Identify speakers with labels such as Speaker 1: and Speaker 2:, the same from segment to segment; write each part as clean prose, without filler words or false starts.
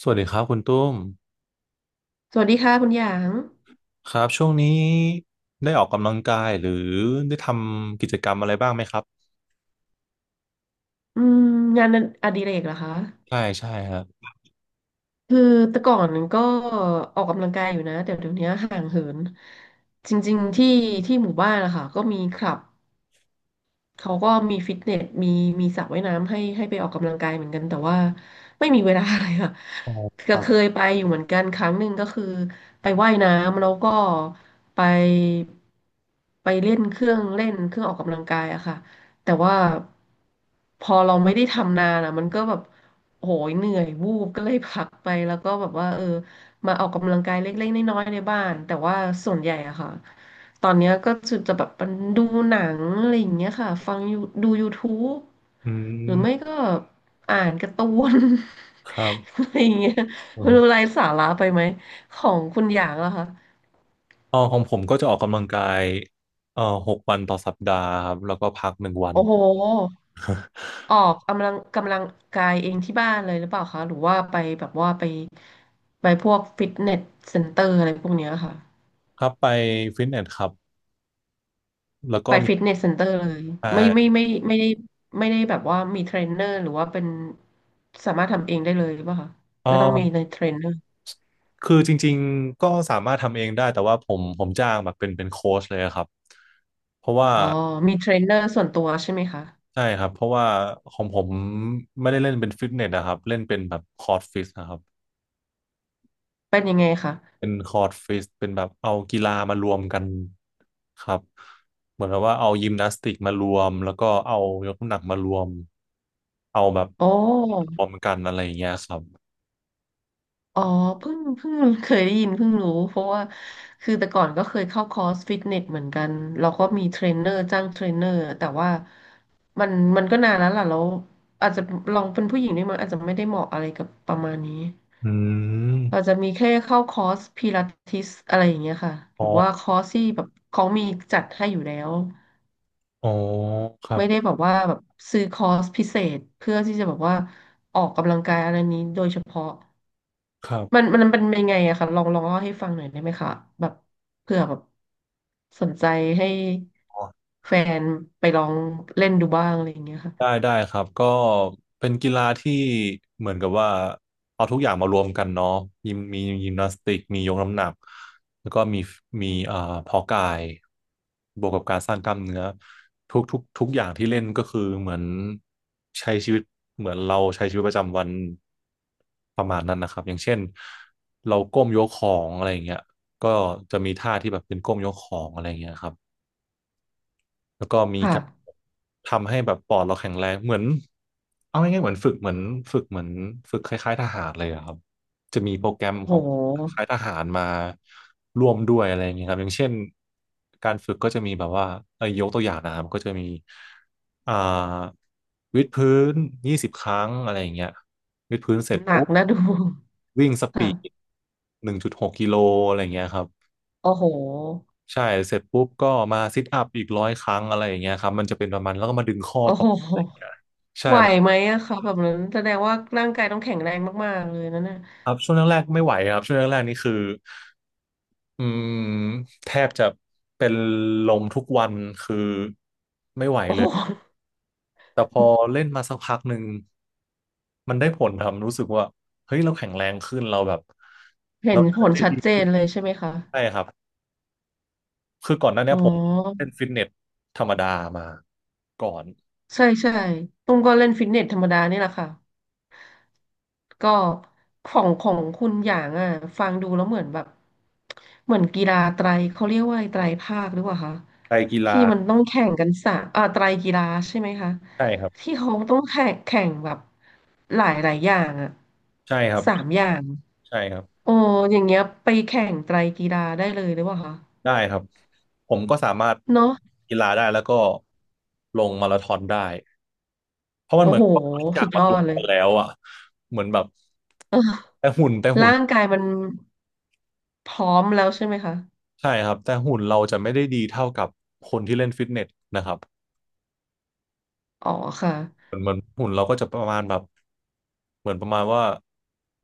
Speaker 1: สวัสดีครับคุณตุ้ม
Speaker 2: สวัสดีค่ะคุณหยาง
Speaker 1: ครับช่วงนี้ได้ออกกำลังกายหรือได้ทำกิจกรรมอะไรบ้างไหมครับ
Speaker 2: อืมงานอดิเรกเหรอคะ
Speaker 1: ใช่ใช่ครับ
Speaker 2: คือแต่ก่อนก็ออกกำลังกายอยู่นะแต่เดี๋ยวนี้ห่างเหินจริงๆที่หมู่บ้านนะคะก็มีคลับ เขาก็มีฟิตเนสมีสระว่ายน้ำให้ไปออกกำลังกายเหมือนกันแต่ว่าไม่มีเวลาเลยค่ะ
Speaker 1: อ๋อ ค
Speaker 2: ก็
Speaker 1: รั
Speaker 2: เค
Speaker 1: บ
Speaker 2: ยไปอยู่เหมือนกันครั้งหนึ่งก็คือไปว่ายน้ำแล้วก็ไปไปเล่นเครื่องออกกำลังกายอะค่ะแต่ว่าพอเราไม่ได้ทำนานอะมันก็แบบโหยเหนื่อยวูบก็เลยพักไปแล้วก็แบบว่าเออมาออกกำลังกายเล็กๆน้อยๆในบ้านแต่ว่าส่วนใหญ่อะค่ะ ตอนเนี้ยก็จะแบบมันดูหนังอะไรอย่างเงี้ยค่ะฟังยูดู YouTube
Speaker 1: อื
Speaker 2: หรือไม่
Speaker 1: ม
Speaker 2: ก็อ่านการ์ตูน
Speaker 1: ครับ
Speaker 2: อะไรอย่างเงี้ย
Speaker 1: อ
Speaker 2: ไม่
Speaker 1: ม
Speaker 2: รู้ไร้สาระไปไหมของคุณอย่างเหรอคะ
Speaker 1: อ๋อของผมก็จะออกกำลังกายเอ่อหกวันต่อสัปดาห์ครับแล้วก็พักหนึ่งวัน
Speaker 2: โอ้โหออกกำลังกายเองที่บ้านเลยหรือเปล่าคะหรือว่าไปแบบว่าไปพวกฟิตเนสเซ็นเตอร์อะไรพวกเนี้ยค่ะ
Speaker 1: ครับไปฟิตเนสครับแล้วก็
Speaker 2: ไป
Speaker 1: มี
Speaker 2: ฟิตเนสเซ็นเตอร์เลย
Speaker 1: เอ่
Speaker 2: ไม่ไม่
Speaker 1: อ
Speaker 2: ไม่ไม่ได้ไม่ได้แบบว่ามีเทรนเนอร์หรือว่าเป็นสามารถทำเองได้เลยหรือเปล่าคะ
Speaker 1: เอ่อ
Speaker 2: ไม่ต้องมีในเทรนเนอร์
Speaker 1: คือจริงๆก็สามารถทำเองได้แต่ว่าผมจ้างแบบเป็นโค้ชเลยครับเพราะว่า
Speaker 2: อ๋อมีเทรนเนอร์ส่วนตัวใช่ไหมคะ
Speaker 1: ใช่ครับเพราะว่าของผมไม่ได้เล่นเป็นฟิตเนสนะครับเล่นเป็นแบบคอร์ดฟิตนะครับ
Speaker 2: เป็นยังไงคะ
Speaker 1: เป็นคอร์ดฟิตเป็นแบบเอากีฬามารวมกันครับเหมือนกับว่าเอายิมนาสติกมารวมแล้วก็เอายกน้ำหนักมารวมเอาแบบ
Speaker 2: โอ้
Speaker 1: รวมกันอะไรอย่างเงี้ยครับ
Speaker 2: อ๋อเพิ่งเคยได้ยินเพิ่งรู้เพราะว่าคือแต่ก่อนก็เคยเข้าคอร์สฟิตเนสเหมือนกันเราก็มีเทรนเนอร์จ้างเทรนเนอร์แต่ว่ามันมันก็นานแล้วล่ะแล้วอาจจะลองเป็นผู้หญิงด้วยมั้งอาจจะไม่ได้เหมาะอะไรกับประมาณนี้
Speaker 1: อื
Speaker 2: เรา
Speaker 1: ม
Speaker 2: จะมีแค่เข้าคอร์สพิลาทิสอะไรอย่างเงี้ยค่ะห
Speaker 1: อ๋อ
Speaker 2: รือว่าคอร์สที่แบบเขามีจัดให้อยู่แล้ว
Speaker 1: อ๋อครับ
Speaker 2: ไม่ได้แบบว่าแบบซื้อคอร์สพิเศษเพื่อที่จะแบบว่าออกกำลังกายอะไรนี้โดยเฉพาะ
Speaker 1: ครั
Speaker 2: มัน
Speaker 1: บ
Speaker 2: มันเป็นยังไงอะคะลองเล่าให้ฟังหน่อยได้ไหมคะแบบเผื่อแบบสนใจให้แฟนไปลองเล่นดูบ้างอะไรอย่างเงี้ยค่ะ
Speaker 1: ได้ได้ครับก็เป็นกีฬาที่เหมือนกับว่าเอาทุกอย่างมารวมกันเนาะยิมมียิมนาสติกมียกน้ำหนักแล้วก็มีเพาะกายบวกกับการสร้างกล้ามเนื้อทุกอย่างที่เล่นก็คือเหมือนใช้ชีวิตเหมือนเราใช้ชีวิตประจำวันประมาณนั้นนะครับอย่างเช่นเราก้มยกของอะไรอย่างเงี้ยก็จะมีท่าที่แบบเป็นก้มยกของอะไรอย่างเงี้ยครับ แล้วก็มี
Speaker 2: ค่ะ
Speaker 1: การทำให้แบบปอดเราแข็งแรงเหมือนเอาง่ายๆเหมือนฝึกเหมือนฝึกเหมือนฝึกคล้ายๆทหารเลยอะครับจะมีโปรแกรม
Speaker 2: โอ้โ
Speaker 1: ของค
Speaker 2: ห
Speaker 1: ล้ายๆทหารมาร่วมด้วยอะไรอย่างเงี้ยครับอย่างเช่นการฝึกก็จะมีแบบว่ายกตัวอย่างนะครับก็จะมีอ่าวิดพื้นยี่สิบครั้งอะไรอย่างเงี้ยวิดพื้นเสร็จ
Speaker 2: หนั
Speaker 1: ปุ๊
Speaker 2: ก
Speaker 1: บ
Speaker 2: นะดู
Speaker 1: วิ่งสปีด
Speaker 2: ค่ะ
Speaker 1: หนึ่งจุดหกกิโลอะไรอย่างเงี้ยครับ
Speaker 2: โอ้โห
Speaker 1: ใช่เสร็จปุ๊บก็มาซิทอัพอีกร้อยครั้งอะไรอย่างเงี้ยครับมันจะเป็นประมาณแล้วก็มาดึงข้อ
Speaker 2: โอ้
Speaker 1: ต่
Speaker 2: โห
Speaker 1: อ
Speaker 2: ไหวไหมอะคะแบบนั้นแสดงว่าร่างกายต้องแข็งแรงมากๆเลยนั่นน่ะ
Speaker 1: ครับช่วงแรกๆไม่ไหวครับช่วงแรกๆนี่คืออืมแทบจะเป็นลมทุกวันคือ
Speaker 2: โอ้โห
Speaker 1: แต่พอเล่นมาสักพักหนึ่งมันได้ผลครับรู้สึกว่าเฮ้ยเราแข็งแรงขึ้นเราแบบ
Speaker 2: เห็
Speaker 1: เรา
Speaker 2: น
Speaker 1: เดิ
Speaker 2: ผ
Speaker 1: น
Speaker 2: ล
Speaker 1: ได้
Speaker 2: ชัด
Speaker 1: ดี
Speaker 2: เจนเลยใช่ไหมคะ
Speaker 1: ใช่ครับคือก่อนหน้าเนี้
Speaker 2: อ๋
Speaker 1: ยผม
Speaker 2: อ
Speaker 1: เล่นฟิตเนสธรรมดามาก่อน
Speaker 2: ใช่ใช่ตุ้มก็เล่นฟิตเนสธรรมดานี่แหละค่ะก็ของคุณอย่างอ่ะฟังดูแล้วเหมือนแบบเหมือนกีฬาไตรเขาเรียกว่าไตรภาคหรือเปล่าคะ
Speaker 1: ไปกีฬา
Speaker 2: ที่มันต้องแข่งกันสามอ่าไตรกีฬาใช่ไหมคะ
Speaker 1: ใช่ครับ
Speaker 2: ที่เขาต้องแข่งแบบหลายอย่างอ่ะ
Speaker 1: ใช่ครับ
Speaker 2: สามอย่าง
Speaker 1: ใช่ครับ
Speaker 2: โอ้อย่างเงี้ยไปแข่งไตรกีฬาได้เลยหรือเปล่าคะ
Speaker 1: ได้ครับผมก็สามารถ
Speaker 2: เนาะ
Speaker 1: กีฬาได้แล้วก็ลงมาราธอนได้เพราะมัน
Speaker 2: โอ้
Speaker 1: เหมือน
Speaker 2: โห
Speaker 1: กับว่าทุกอย่า
Speaker 2: สุ
Speaker 1: ง
Speaker 2: ดย
Speaker 1: มัน
Speaker 2: อ
Speaker 1: ล
Speaker 2: ด
Speaker 1: ง
Speaker 2: เลย
Speaker 1: กันแล้วอ่ะเหมือนแบบ
Speaker 2: เออร่างกายมันพร้อมแล้วใช่ไหมคะ
Speaker 1: ใช่ครับแต่หุ่นเราจะไม่ได้ดีเท่ากับคนที่เล่นฟิตเนสนะครับ
Speaker 2: อ๋อค่ะ
Speaker 1: เหมือนหุ่นเราก็จะประมาณแบบเหมือนประมาณว่า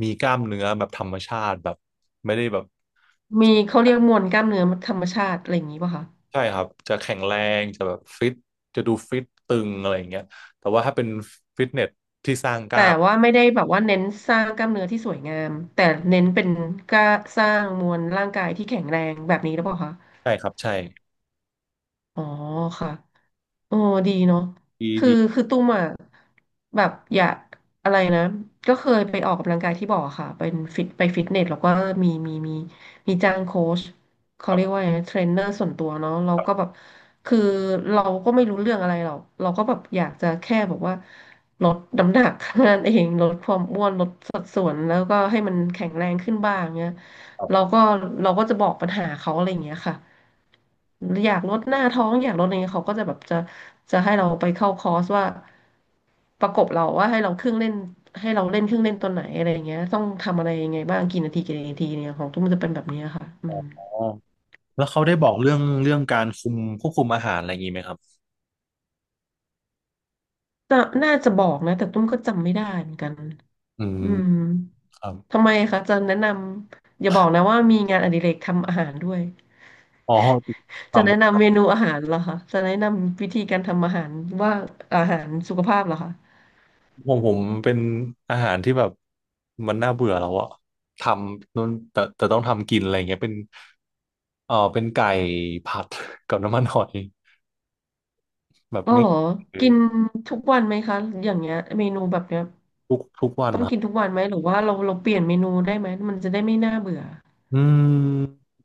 Speaker 1: มีกล้ามเนื้อแบบธรรมชาติแบบไม่ได้แบบ
Speaker 2: มีเขาเรียกมวลกล้ามเนื้อธรรมชาติอะไรอย่างนี้ป่ะคะ
Speaker 1: ใช่ครับจะแข็งแรงจะแบบฟิตจะดูฟิตตึงอะไรอย่างเงี้ยแต่ว่าถ้าเป็นฟิตเนสที่สร้างก
Speaker 2: แต่
Speaker 1: ล้าม
Speaker 2: ว่าไม่ได้แบบว่าเน้นสร้างกล้ามเนื้อที่สวยงามแต่เน้นเป็นกล้าสร้างมวลร่างกายที่แข็งแรงแบบนี้หรือเปล่าคะ
Speaker 1: ใช่ครับใช่
Speaker 2: อ๋อค่ะ โอ้ดีเนาะ
Speaker 1: ดี
Speaker 2: คือ
Speaker 1: ดี
Speaker 2: คือตุ้มอ่ะแบบอยากอะไรนะก็เคยไปออกกำลังกายที่บอกอะค่ะเป็นฟิตไปฟิตเนสแล้วก็มีมีมีมีจ้างโค้ชเขาเรียกว่าไงเทรนเนอร์ส่วนตัวเนาะเราก็แบบคือเราก็ไม่รู้เรื่องอะไรหรอกเราก็แบบอยากจะแค่แบบว่าลดน้ำหนัก นั่นเองลดความอ้วนลดสัดส่วนแล้วก็ให้มันแข็งแรงขึ้นบ้างเงี้ยเราก็เราก็จะบอกปัญหาเขาอะไรอย่างเงี้ยค่ะ อยากลดหน้าท้องอยากลดอะไรเงี้ยเขาก็จะจะให้เราไปเข้าคอร์สว่าประกบเราว่าให้เราเล่นเครื่องเล่นตัวไหนอะไรอย่างเงี้ยต้องทำอะไรยังไงบ้างกี่นาทีเนี่ยของตุ้มจะเป็นแบบเนี้ยค่ะอืม
Speaker 1: แล้วเขาได้บอกเรื่องการควบคุมอาหารอะไรอย่างนี้ไหมครับ
Speaker 2: น่าจะบอกนะแต่ตุ้มก็จำไม่ได้เหมือนกัน
Speaker 1: อื
Speaker 2: อื
Speaker 1: ม
Speaker 2: ม
Speaker 1: ครั
Speaker 2: ทำ
Speaker 1: บ
Speaker 2: ไมคะจะแนะนำอย่าบอกนะว่ามีงานอดิเรกทำอาหารด้วย
Speaker 1: อ๋อค
Speaker 2: จะ
Speaker 1: วาม
Speaker 2: แนะนำเมนูอาหารเหรอคะจะแนะนำวิธีการทำอาหารว่าอาหารสุขภาพเหรอคะ
Speaker 1: ของผมเป็นอาหารที่แบบมันน่าเบื่อแล้วอะทำนู่นแต่ต้องทำกินอะไรเงี้ยเป็นเออเป็นไก่ผัด กับน้ำมันหอยแบบ
Speaker 2: อ๋อ
Speaker 1: นี้
Speaker 2: เหรอ
Speaker 1: คือ
Speaker 2: กินทุกวันไหมคะ อย่างเงี้ยเมนูแบบเนี้ย
Speaker 1: ทุกวัน
Speaker 2: ต้อง
Speaker 1: นะ
Speaker 2: กินทุกวันไหม หรือว่าเราเปลี่ยนเมนูได้ไหม มันจะได้ไม่น่าเบื่อ
Speaker 1: อืม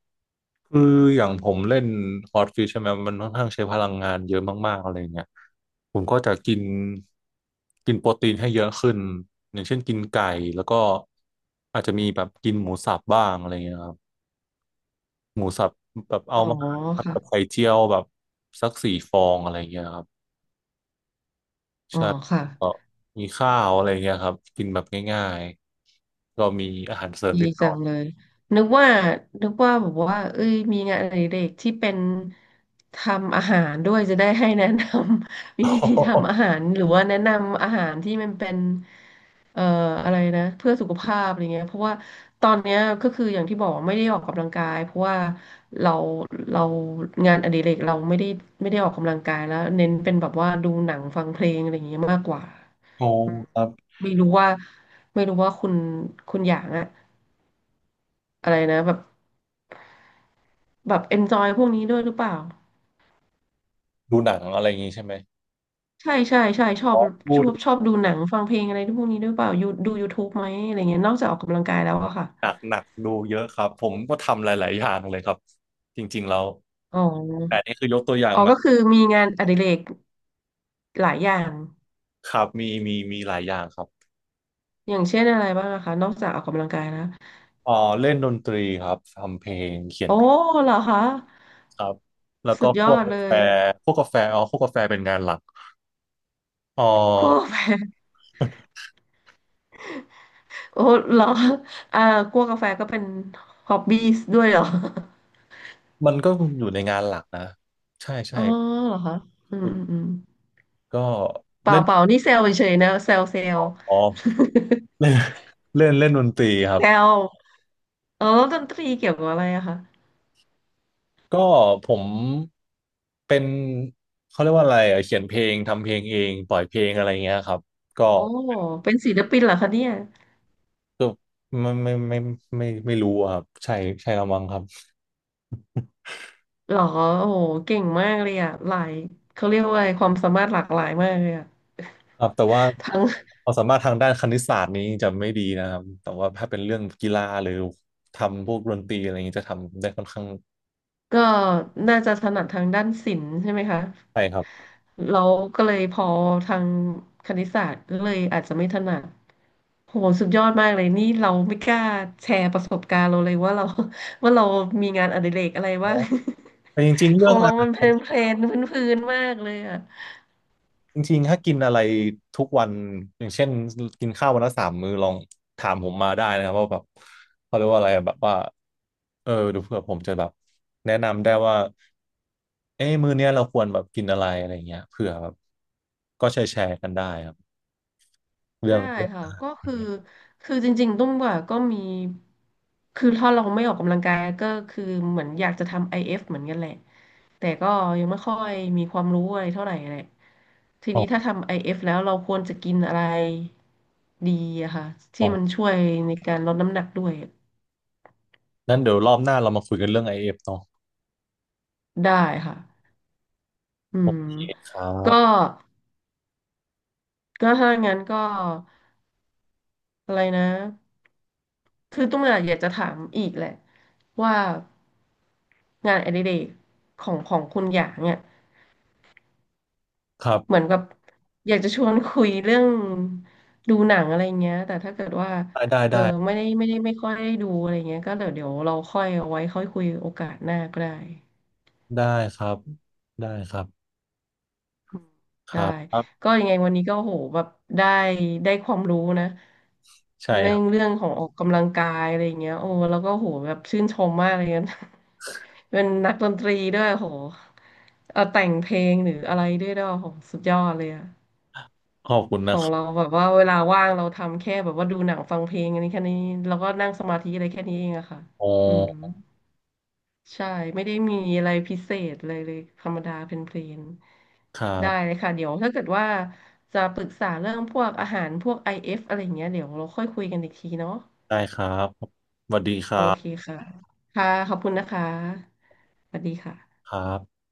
Speaker 1: คืออย่างผมเล่นฮอตฟิชใช่ไหมมันค่อนข้างใช้พลังงานเยอะมากๆอะไรเงี้ยผมก็จะกินกินโปรตีนให้เยอะขึ้นอย่างเช่นกินไก่แล้วก็อาจจะมีแบบกินหมูสับบ้างอะไรเงี้ยครับหมูสับแบบ
Speaker 2: อ๋
Speaker 1: เอา
Speaker 2: อ
Speaker 1: มาผัดกับ
Speaker 2: ค่ะ
Speaker 1: ไข่เจียวแบบสักสี่ฟองอะไรเงี้ยครับ
Speaker 2: อ๋อ
Speaker 1: ใช่
Speaker 2: ค่ะ
Speaker 1: แล้วก็มีข้าวอะไรเงี้ยครับกินแบบง่ายๆก็มีอาหารเสริม
Speaker 2: ดี
Speaker 1: นิดหน่
Speaker 2: จั
Speaker 1: อ
Speaker 2: ง
Speaker 1: ย
Speaker 2: เลยนึกว่านึกว่าแบบว่าเอ้ยมีงานอดิเรกที่เป็นทำอาหารด้วยจะได้ให้แนะนำ วิธีทำ อาหารหรือว่าแนะนำอาหารที่มันเป็นเอ่ออะไรนะเพื่อสุขภาพอะไรเงี้ยเพราะว่าตอนเนี้ยก็คืออย่างที่บอกไม่ได้ออกกำลังกายเพราะว่าเราเรางานอดิเรกเราไม่ได้ออกกำลังกายแล้วเน้นเป็นแบบว่าดูหนังฟังเพลงอะไรเงี้ยมากกว่า
Speaker 1: โอ้ครับ
Speaker 2: ไม่รู้ว่าไม่รู้ว่าคุณอย่างอะ อะไรนะแบบเอนจอยพวกนี้ด้วยหรือเปล่า
Speaker 1: ดูหนังอะไรอย่างงี้ใช่ไหม
Speaker 2: ใช่ใช่ใช่ชอบ
Speaker 1: อ๋
Speaker 2: ช
Speaker 1: อ
Speaker 2: อ
Speaker 1: ดู
Speaker 2: บชอบดูหนังฟังเพลงอะไรพวกนี้ด้วยเปล่ายูดู YouTube ไหมอะไรเงี้ยนอกจากออกกำลังกายแล้วอะค่ะ
Speaker 1: หนักหนักดูเยอะครับผมก็ทำหลายๆอย่างเลยครับจริงๆแล้ว
Speaker 2: อ๋อ
Speaker 1: แต่นี่คือยกตัวอย่าง
Speaker 2: อ๋อ
Speaker 1: มา
Speaker 2: ก็คือมีงานอดิเรกหลายอย่าง
Speaker 1: ครับมีหลายอย่างครับ
Speaker 2: อย่างเช่นอะไรบ้างอะคะนอกจากออกกำลังกายแล้ว
Speaker 1: อ๋อเล่นดนตรีครับทำเพลงเขียน
Speaker 2: โอ้
Speaker 1: เพลง
Speaker 2: เหรอคะ
Speaker 1: ครับแล้ว
Speaker 2: สุ
Speaker 1: ก็
Speaker 2: ดย
Speaker 1: พ
Speaker 2: อ
Speaker 1: วก
Speaker 2: ด
Speaker 1: กา
Speaker 2: เล
Speaker 1: แฟ
Speaker 2: ย
Speaker 1: พวกกาแฟอ๋อพวกกาแฟเป็นงานหลักอ๋อ
Speaker 2: คั่วกาแฟ โอ้เหรออ่าคั่วกาแฟก็เป็นฮอบบี้ด้วยเหรอ
Speaker 1: มันก็อยู่ในงานหลักนะใช่
Speaker 2: อ๋
Speaker 1: ใช่
Speaker 2: อเหรอคะอืมอืมอืม
Speaker 1: ก็
Speaker 2: เปล่า
Speaker 1: เล่น
Speaker 2: เปล่านี่เซลเฉยๆนะเซลเซล
Speaker 1: อ๋อเล่นเล่นเล่นดนตรีครั
Speaker 2: แซ
Speaker 1: บ
Speaker 2: วเออแล้วดนตรีเกี่ยวกับอะไรอะคะ
Speaker 1: ก็ผมเป็นเขาเรียกว่าอะไรอะเขียนเพลงทำเพลงเองปล่อยเพลงอะไรเงี้ยครับก็
Speaker 2: โอ้เป็นศิลปินเหรอคะเนี่ย
Speaker 1: ไม่ไม่ไม่ไม่รู้อะครับใช่ใช่ละมั้งครับ
Speaker 2: หรอโอ้โหเก่งมากเลยอะหลายเขาเรียกว่าอะไรความสามารถหลากหลายมากเลยอะ
Speaker 1: ครับแต่ว่า
Speaker 2: ทั้ง
Speaker 1: ความสามารถทางด้านคณิตศาสตร์นี้จะไม่ดีนะครับแต่ว่าถ้าเป็นเรื่องกีฬาหรือทำพวกดนตรีอะไรอย่างนี้จะทำได้ค่อนข้าง
Speaker 2: ก็น่าจะถนัดทางด้านศิลป์ใช่ไหมคะ
Speaker 1: ใช่ครับ
Speaker 2: เราก็เลยพอทางคณิตศาสตร์ก็เลยอาจจะไม่ถนัดโหสุดยอดมากเลยนี่เราไม่กล้าแชร์ประสบการณ์เราเลยว่าเรา ว่าเรามีงานอดิเรกอะไร
Speaker 1: อ๋อ
Speaker 2: บ้าง
Speaker 1: แต่จริงๆ
Speaker 2: ข
Speaker 1: เรื่อ
Speaker 2: อ
Speaker 1: ง
Speaker 2: ง
Speaker 1: อา
Speaker 2: เรา
Speaker 1: หา
Speaker 2: มัน
Speaker 1: ร
Speaker 2: เพลนๆพื้นๆมากเลยอะ
Speaker 1: จริงๆถ้ากินอะไรทุกวันอย่างเช่นกินข้าววันละสามมื้อลองถามผมมาได้นะครับว่าแบบเขาเรียกว่าอะไรอะแบบว่าเออเดูเผื่อผมจะแบบแนะนำได้ว่าเอ้มื้อเนี้ยเราควรแบบกินอะไรอะไรอย่างเงี้ยเผื่อแบบก็แชร์กันได้ครับ เรื่อ
Speaker 2: ได้
Speaker 1: งเรื่อง
Speaker 2: ค่ะก็
Speaker 1: อะ
Speaker 2: คือ
Speaker 1: ไร
Speaker 2: คือจริงๆตุ้มว่าก็มีคือถ้าเราไม่ออกกำลังกายก็คือเหมือนอยากจะทำ IF เอฟเหมือนกันแหละแต่ก็ยังไม่ค่อยมีความรู้อะไรเท่าไหร่แหละที
Speaker 1: อ๋
Speaker 2: นี้ถ้า
Speaker 1: อ
Speaker 2: ทำ IF แล้วเราควรจะกินอะไรดีอะค่ะ
Speaker 1: อ๋
Speaker 2: ที่
Speaker 1: อ
Speaker 2: มันช่วยในการลดน้ำหนักด้วย
Speaker 1: นั่นเดี๋ยวรอบหน้าเรามาคุยกันเรื่อง IF เอฟเนาะ
Speaker 2: ได้ค่ะอืม
Speaker 1: ครั
Speaker 2: ก็
Speaker 1: บ
Speaker 2: ก็ถ้างั้นก็ อะไรนะ คือตุ้มอะอยากจะถามอีกแหละว่างานอดิเรกของคุณหยางเนี่ย
Speaker 1: ครั
Speaker 2: เหมือ
Speaker 1: บ
Speaker 2: นกับอยากจะชวนคุยเรื่องดูหนังอะไรเงี้ยแต่ถ้าเกิดว่า
Speaker 1: ได้ ได้
Speaker 2: เออ
Speaker 1: ได้
Speaker 2: ไม่ได้ไม่ค่อยได้ดูอะไรเงี้ยก็เดี๋ยวเราค่อยเอาไว้ค่อยคุยโอกาสหน้าก็ได้
Speaker 1: ได้ครับ ได้ครับ
Speaker 2: อืม
Speaker 1: ค
Speaker 2: ได้
Speaker 1: รับ
Speaker 2: ก็ยังไงวันนี้ก็โหแบบได้ได้ความรู้นะ
Speaker 1: ใช่
Speaker 2: ใน
Speaker 1: ครั
Speaker 2: เรื่
Speaker 1: บ
Speaker 2: องของออกกำลังกายอะไรเงี้ยโอ้แล้วก็โหแบบชื่นชมมากเลยนะ เป็นนักดนตรีด้วยโหเอาแต่งเพลงหรืออะไรด้วยโหสุดยอดเลยอะ
Speaker 1: ขอบคุณ
Speaker 2: ข
Speaker 1: นะ
Speaker 2: อ
Speaker 1: ค
Speaker 2: ง
Speaker 1: รั
Speaker 2: เรา
Speaker 1: บ
Speaker 2: แบบว่าเวลาว่างเราทำแค่แบบว่าดูหนังฟังเพลงอันนี้แค่นี้แล้วก็นั่งสมาธิอะไรแค่นี้เองอะค่ะ
Speaker 1: อ๋
Speaker 2: อืม
Speaker 1: อ
Speaker 2: ใช่ไม่ได้มีอะไรพิเศษเลยเลยธรรมดาเพลน
Speaker 1: ครั
Speaker 2: ๆได้เล
Speaker 1: บ
Speaker 2: ยค่ะเดี๋ยวถ้าเกิดว่าจะปรึกษาเรื่องพวกอาหารพวก IF อเอฟอะไรอย่างเงี้ยเดี๋ยวเราค่อยคุยกันอีกทีเนาะ
Speaker 1: ได้ครับ
Speaker 2: โอเคค่ะค่ะขอบคุณนะคะสวัสดีค่ะ
Speaker 1: ครับ